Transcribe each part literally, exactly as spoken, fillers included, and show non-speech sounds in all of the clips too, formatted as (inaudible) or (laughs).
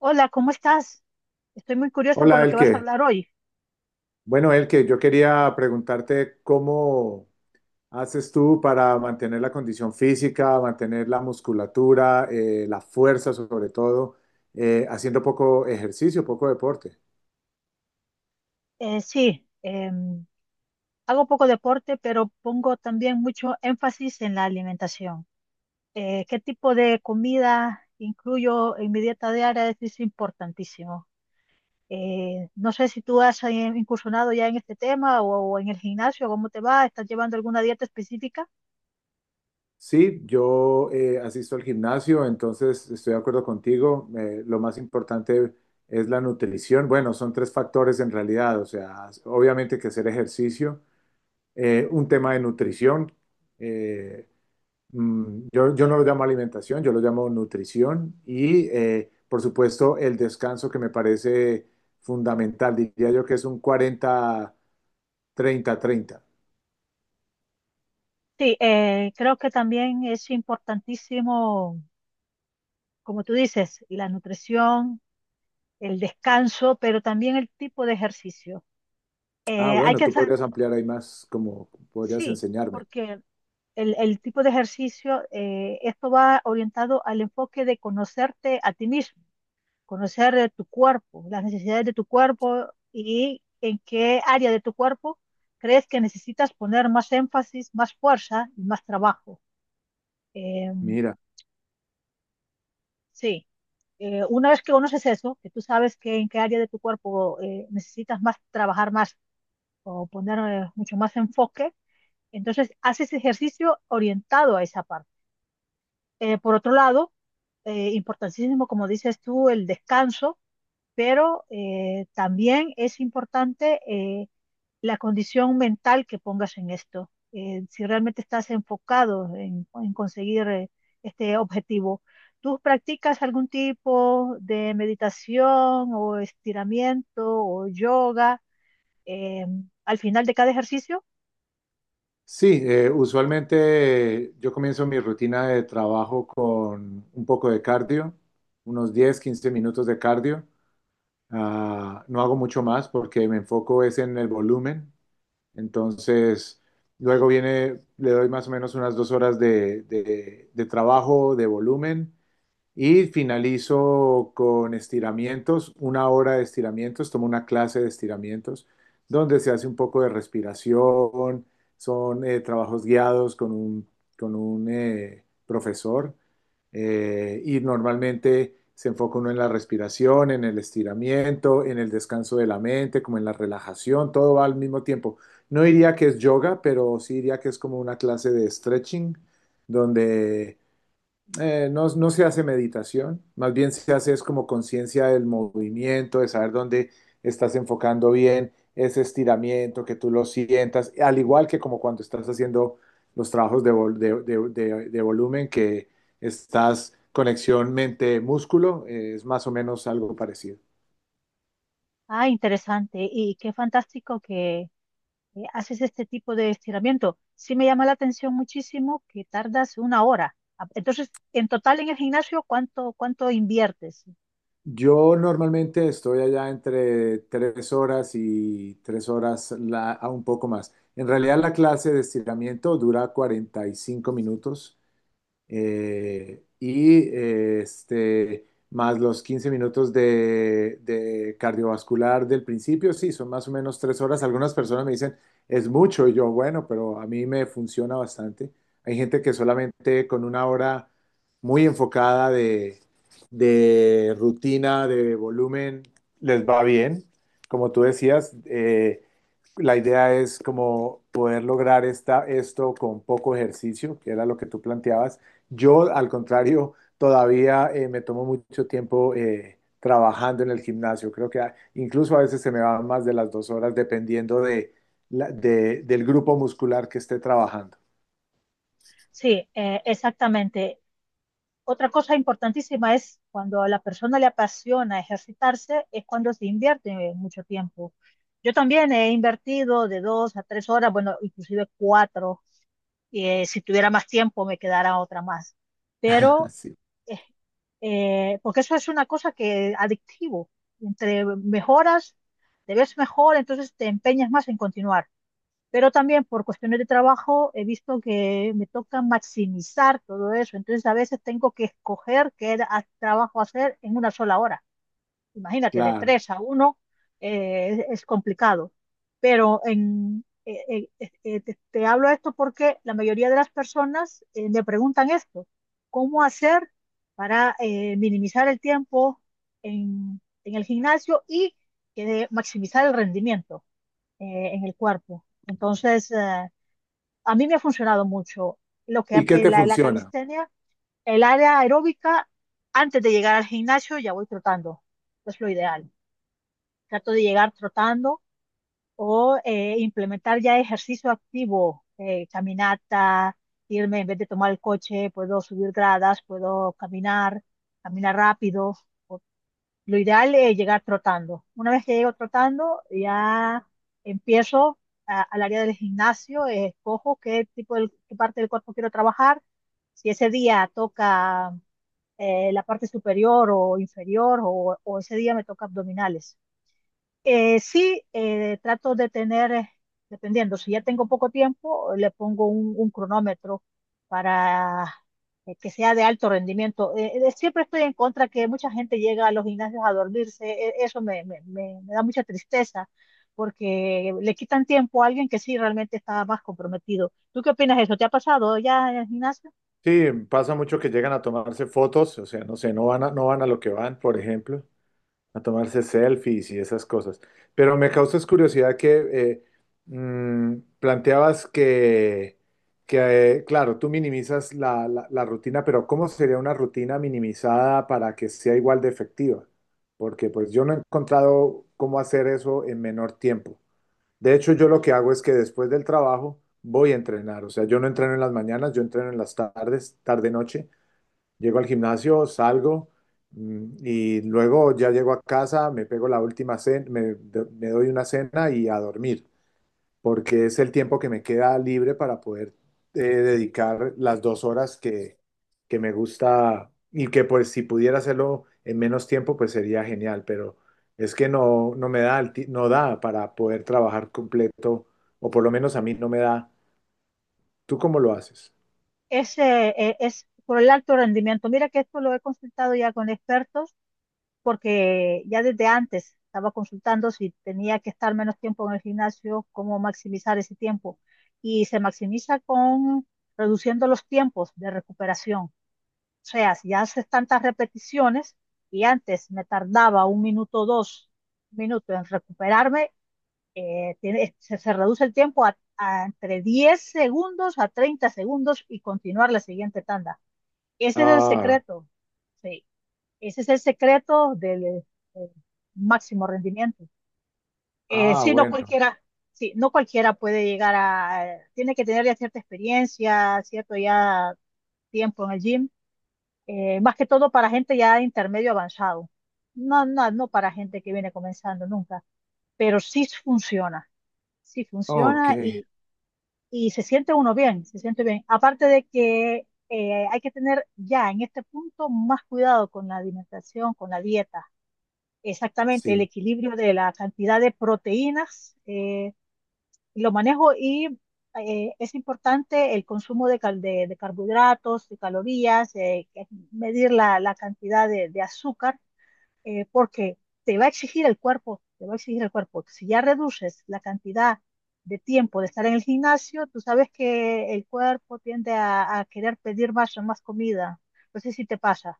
Hola, ¿cómo estás? Estoy muy curiosa por Hola, lo que vas a Elke. hablar hoy. Bueno, Elke, yo quería preguntarte cómo haces tú para mantener la condición física, mantener la musculatura, eh, la fuerza sobre todo, eh, haciendo poco ejercicio, poco deporte. Eh, sí, em, Hago poco deporte, pero pongo también mucho énfasis en la alimentación. Eh, ¿qué tipo de comida incluyo en mi dieta diaria? Es, es importantísimo. Eh, no sé si tú has eh, incursionado ya en este tema o, o en el gimnasio, ¿cómo te va? ¿Estás llevando alguna dieta específica? Sí, yo eh, asisto al gimnasio, entonces estoy de acuerdo contigo. Eh, lo más importante es la nutrición. Bueno, son tres factores en realidad, o sea, obviamente que hacer ejercicio, eh, un tema de nutrición. eh, Mm, Yo, yo no lo llamo alimentación, yo lo llamo nutrición y, eh, por supuesto, el descanso que me parece fundamental. Diría yo que es un cuarenta treinta treinta. Sí, eh, creo que también es importantísimo, como tú dices, la nutrición, el descanso, pero también el tipo de ejercicio. Ah, Eh, hay bueno, que tú saber, podrías ampliar ahí más, como podrías sí, enseñarme. porque el, el tipo de ejercicio, eh, esto va orientado al enfoque de conocerte a ti mismo, conocer eh, tu cuerpo, las necesidades de tu cuerpo y en qué área de tu cuerpo crees que necesitas poner más énfasis, más fuerza y más trabajo. Eh, Mira, sí, Eh, una vez que conoces eso, que tú sabes que en qué área de tu cuerpo eh, necesitas más trabajar más o poner eh, mucho más enfoque. Entonces, haces ejercicio orientado a esa parte. Eh, por otro lado, eh, importantísimo, como dices tú, el descanso, pero eh, también es importante, eh, la condición mental que pongas en esto. Eh, si realmente estás enfocado en, en conseguir eh, este objetivo, ¿tú practicas algún tipo de meditación o estiramiento o yoga eh, al final de cada ejercicio? sí, eh, usualmente yo comienzo mi rutina de trabajo con un poco de cardio, unos diez quince minutos de cardio. Ah, no hago mucho más porque me enfoco es en el volumen. Entonces, luego viene, le doy más o menos unas dos horas de, de- de trabajo, de volumen, y finalizo con estiramientos, una hora de estiramientos, tomo una clase de estiramientos donde se hace un poco de respiración, son eh, trabajos guiados con un, con un eh, profesor eh, y normalmente se enfoca uno en la respiración, en el estiramiento, en el descanso de la mente, como en la relajación, todo va al mismo tiempo. No diría que es yoga, pero sí diría que es como una clase de stretching donde eh, no, no se hace meditación, más bien se hace es como conciencia del movimiento, de saber dónde estás enfocando bien ese estiramiento, que tú lo sientas, al igual que como cuando estás haciendo los trabajos de, vol- de- de- de- de volumen, que estás conexión mente-músculo, eh, es más o menos algo parecido. Ah, interesante. Y qué fantástico que eh, haces este tipo de estiramiento. Sí, me llama la atención muchísimo que tardas una hora. Ah. Entonces, en total en el gimnasio, ¿cuánto, cuánto inviertes? Yo normalmente estoy allá entre tres horas y tres horas la- a un poco más. En realidad la clase de estiramiento dura cuarenta y cinco minutos. Eh, y eh, este, más los quince minutos de, de cardiovascular del principio, sí, son más o menos tres horas. Algunas personas me dicen, es mucho, y yo, bueno, pero a mí me funciona bastante. Hay gente que solamente con una hora muy enfocada de, de rutina, de volumen, les va bien. Como tú decías, eh, la idea es como poder lograr esta, esto con poco ejercicio, que era lo que tú planteabas, yo, al contrario, todavía eh, me tomo mucho tiempo eh, trabajando en el gimnasio. Creo que a- incluso a veces se me van más de las dos horas dependiendo de, la- de- del grupo muscular que esté trabajando. Sí, eh, exactamente. Otra cosa importantísima es cuando a la persona le apasiona ejercitarse, es cuando se invierte mucho tiempo. Yo también he invertido de dos a tres horas, bueno, inclusive cuatro. Eh, si tuviera más tiempo, me quedara otra más, pero (laughs) Sí, eh, eh, porque eso es una cosa que adictivo. Entre mejoras, te ves mejor, entonces te empeñas más en continuar. Pero también por cuestiones de trabajo he visto que me toca maximizar todo eso. Entonces a veces tengo que escoger qué era- trabajo hacer en una sola hora, imagínate, de claro. tres a uno. Eh, es complicado. Pero en, eh, eh, eh, te, te hablo de esto porque la mayoría de las personas eh, me preguntan esto, ¿cómo hacer para eh, minimizar el tiempo en, en el gimnasio y eh, maximizar el rendimiento eh, en el cuerpo? Entonces, eh, a mí me ha funcionado mucho lo que ¿Y qué eh, te la, la funciona? calistenia, el área aeróbica. Antes de llegar al gimnasio ya voy trotando, es lo ideal, trato de llegar trotando o eh, implementar ya ejercicio activo, eh, caminata, irme en vez de tomar el coche, puedo subir gradas, puedo caminar, caminar rápido. O- lo ideal es llegar trotando. Una vez que llego trotando, ya empiezo a- al área del gimnasio, eh, escojo qué tipo del- qué parte del cuerpo quiero trabajar. Si ese día toca eh, la parte superior o inferior o, o ese día me toca abdominales. Eh, sí, eh, Trato de tener, eh, dependiendo, si ya tengo poco tiempo, le pongo un, un cronómetro para eh, que sea de alto rendimiento. Eh, eh, siempre estoy en contra que mucha gente llega a los gimnasios a dormirse. E- eso me, me- me- me da mucha tristeza porque le quitan tiempo a alguien que sí realmente está más comprometido. ¿Tú qué opinas de eso? ¿Te ha pasado ya en el gimnasio? Sí, pasa mucho que llegan a tomarse fotos, o sea, no sé, no van a, no van a lo que van, por ejemplo. A tomarse selfies y esas cosas. Pero me causas curiosidad que eh, mm, planteabas que, que, eh, claro, tú minimizas la, la- la rutina, pero ¿cómo sería una rutina minimizada para que sea igual de efectiva? Porque pues yo no he encontrado cómo hacer eso en menor tiempo. De hecho, yo lo que hago es que después del trabajo voy a entrenar. O sea, yo no entreno en las mañanas, yo entreno en las tardes, tarde-noche. Llego al gimnasio, salgo mm, y luego ya llego a casa, me pego la última cena, me, do- me doy una cena y a dormir, porque es el tiempo que me queda libre para poder eh, dedicar las dos horas que, que me gusta y que pues si pudiera hacerlo en menos tiempo, pues sería genial, pero es que no, no me da, el ti- no da para poder trabajar completo, o por lo menos a mí no me da. ¿Tú cómo lo haces? Es, eh, eh, es por el alto rendimiento. Mira que esto lo he consultado ya con expertos porque ya desde antes estaba consultando si tenía que estar menos tiempo en el gimnasio, cómo maximizar ese tiempo. Y se maximiza con reduciendo los tiempos de recuperación. O sea, si haces tantas repeticiones y antes me tardaba un minuto, dos minutos en recuperarme, eh, tiene- se, se reduce el tiempo a, a entre diez segundos a treinta segundos y continuar la siguiente tanda. Ese es el Ah, secreto. Sí. Ese es el secreto del eh, máximo rendimiento. Eh, ah, sí, no bueno, cualquiera, sí, no cualquiera puede llegar a, eh, tiene que tener ya cierta experiencia, cierto ya tiempo en el gym, eh, más que todo para gente ya de intermedio avanzado. No, no, no, para gente que viene comenzando nunca, pero sí funciona, sí ok, funciona y, y se siente uno bien, se siente bien. Aparte de que eh, hay que tener ya en este punto más cuidado con la alimentación, con la dieta. Exactamente, el sí. equilibrio de la cantidad de proteínas, eh, lo manejo. Y eh, es importante el consumo de, cal- de- de carbohidratos, de calorías, eh, que- medir la, la cantidad de, de azúcar, eh, porque te va a exigir el cuerpo, te va a exigir el cuerpo. Si ya reduces la cantidad de tiempo de estar en el gimnasio, tú sabes que el cuerpo tiende a, a querer pedir más, más comida. No sé si te pasa.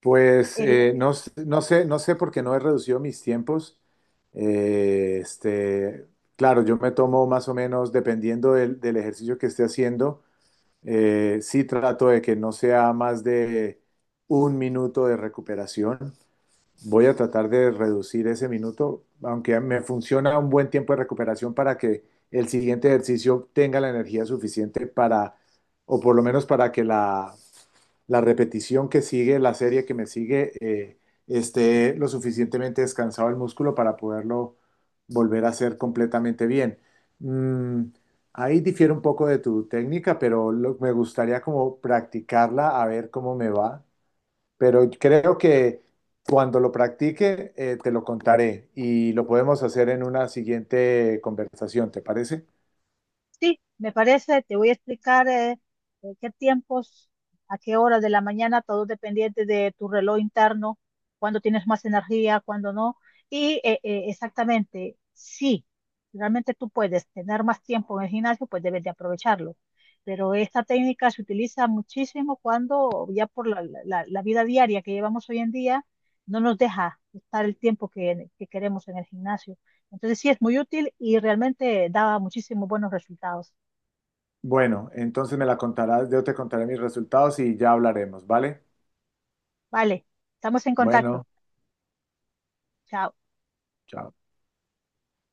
Pues El, eh, no, s- no sé, no sé por qué no he reducido mis tiempos. Eh, este, claro, yo me tomo más o menos, dependiendo del, del ejercicio que esté haciendo, eh, sí trato de que no sea más de un minuto de recuperación. Voy a tratar de reducir ese minuto, aunque me funciona un buen tiempo de recuperación para que el siguiente ejercicio tenga la energía suficiente para, o por lo menos para que la, la repetición que sigue, la serie que me sigue, eh, esté lo suficientemente descansado el músculo para poderlo volver a hacer completamente bien. Mm, ahí difiere un poco de tu técnica, pero lo- me gustaría como practicarla a ver cómo me va. Pero creo que cuando lo practique, eh, te lo contaré y lo podemos hacer en una siguiente conversación, ¿te parece? sí, me parece, te voy a explicar eh, eh, qué tiempos, a qué horas de la mañana, todo dependiente de tu reloj interno, cuándo tienes más energía, cuándo no. Y eh, eh, exactamente, sí, realmente tú puedes tener más tiempo en el gimnasio, pues debes de aprovecharlo. Pero esta técnica se utiliza muchísimo cuando ya por la, la- la vida diaria que llevamos hoy en día no nos deja estar el tiempo que que queremos en el gimnasio. Entonces sí, es muy útil y realmente daba muchísimos buenos resultados. Bueno, entonces me la contarás, yo te contaré mis resultados y ya hablaremos, ¿vale? Vale, estamos en contacto. Bueno, Chao. chao.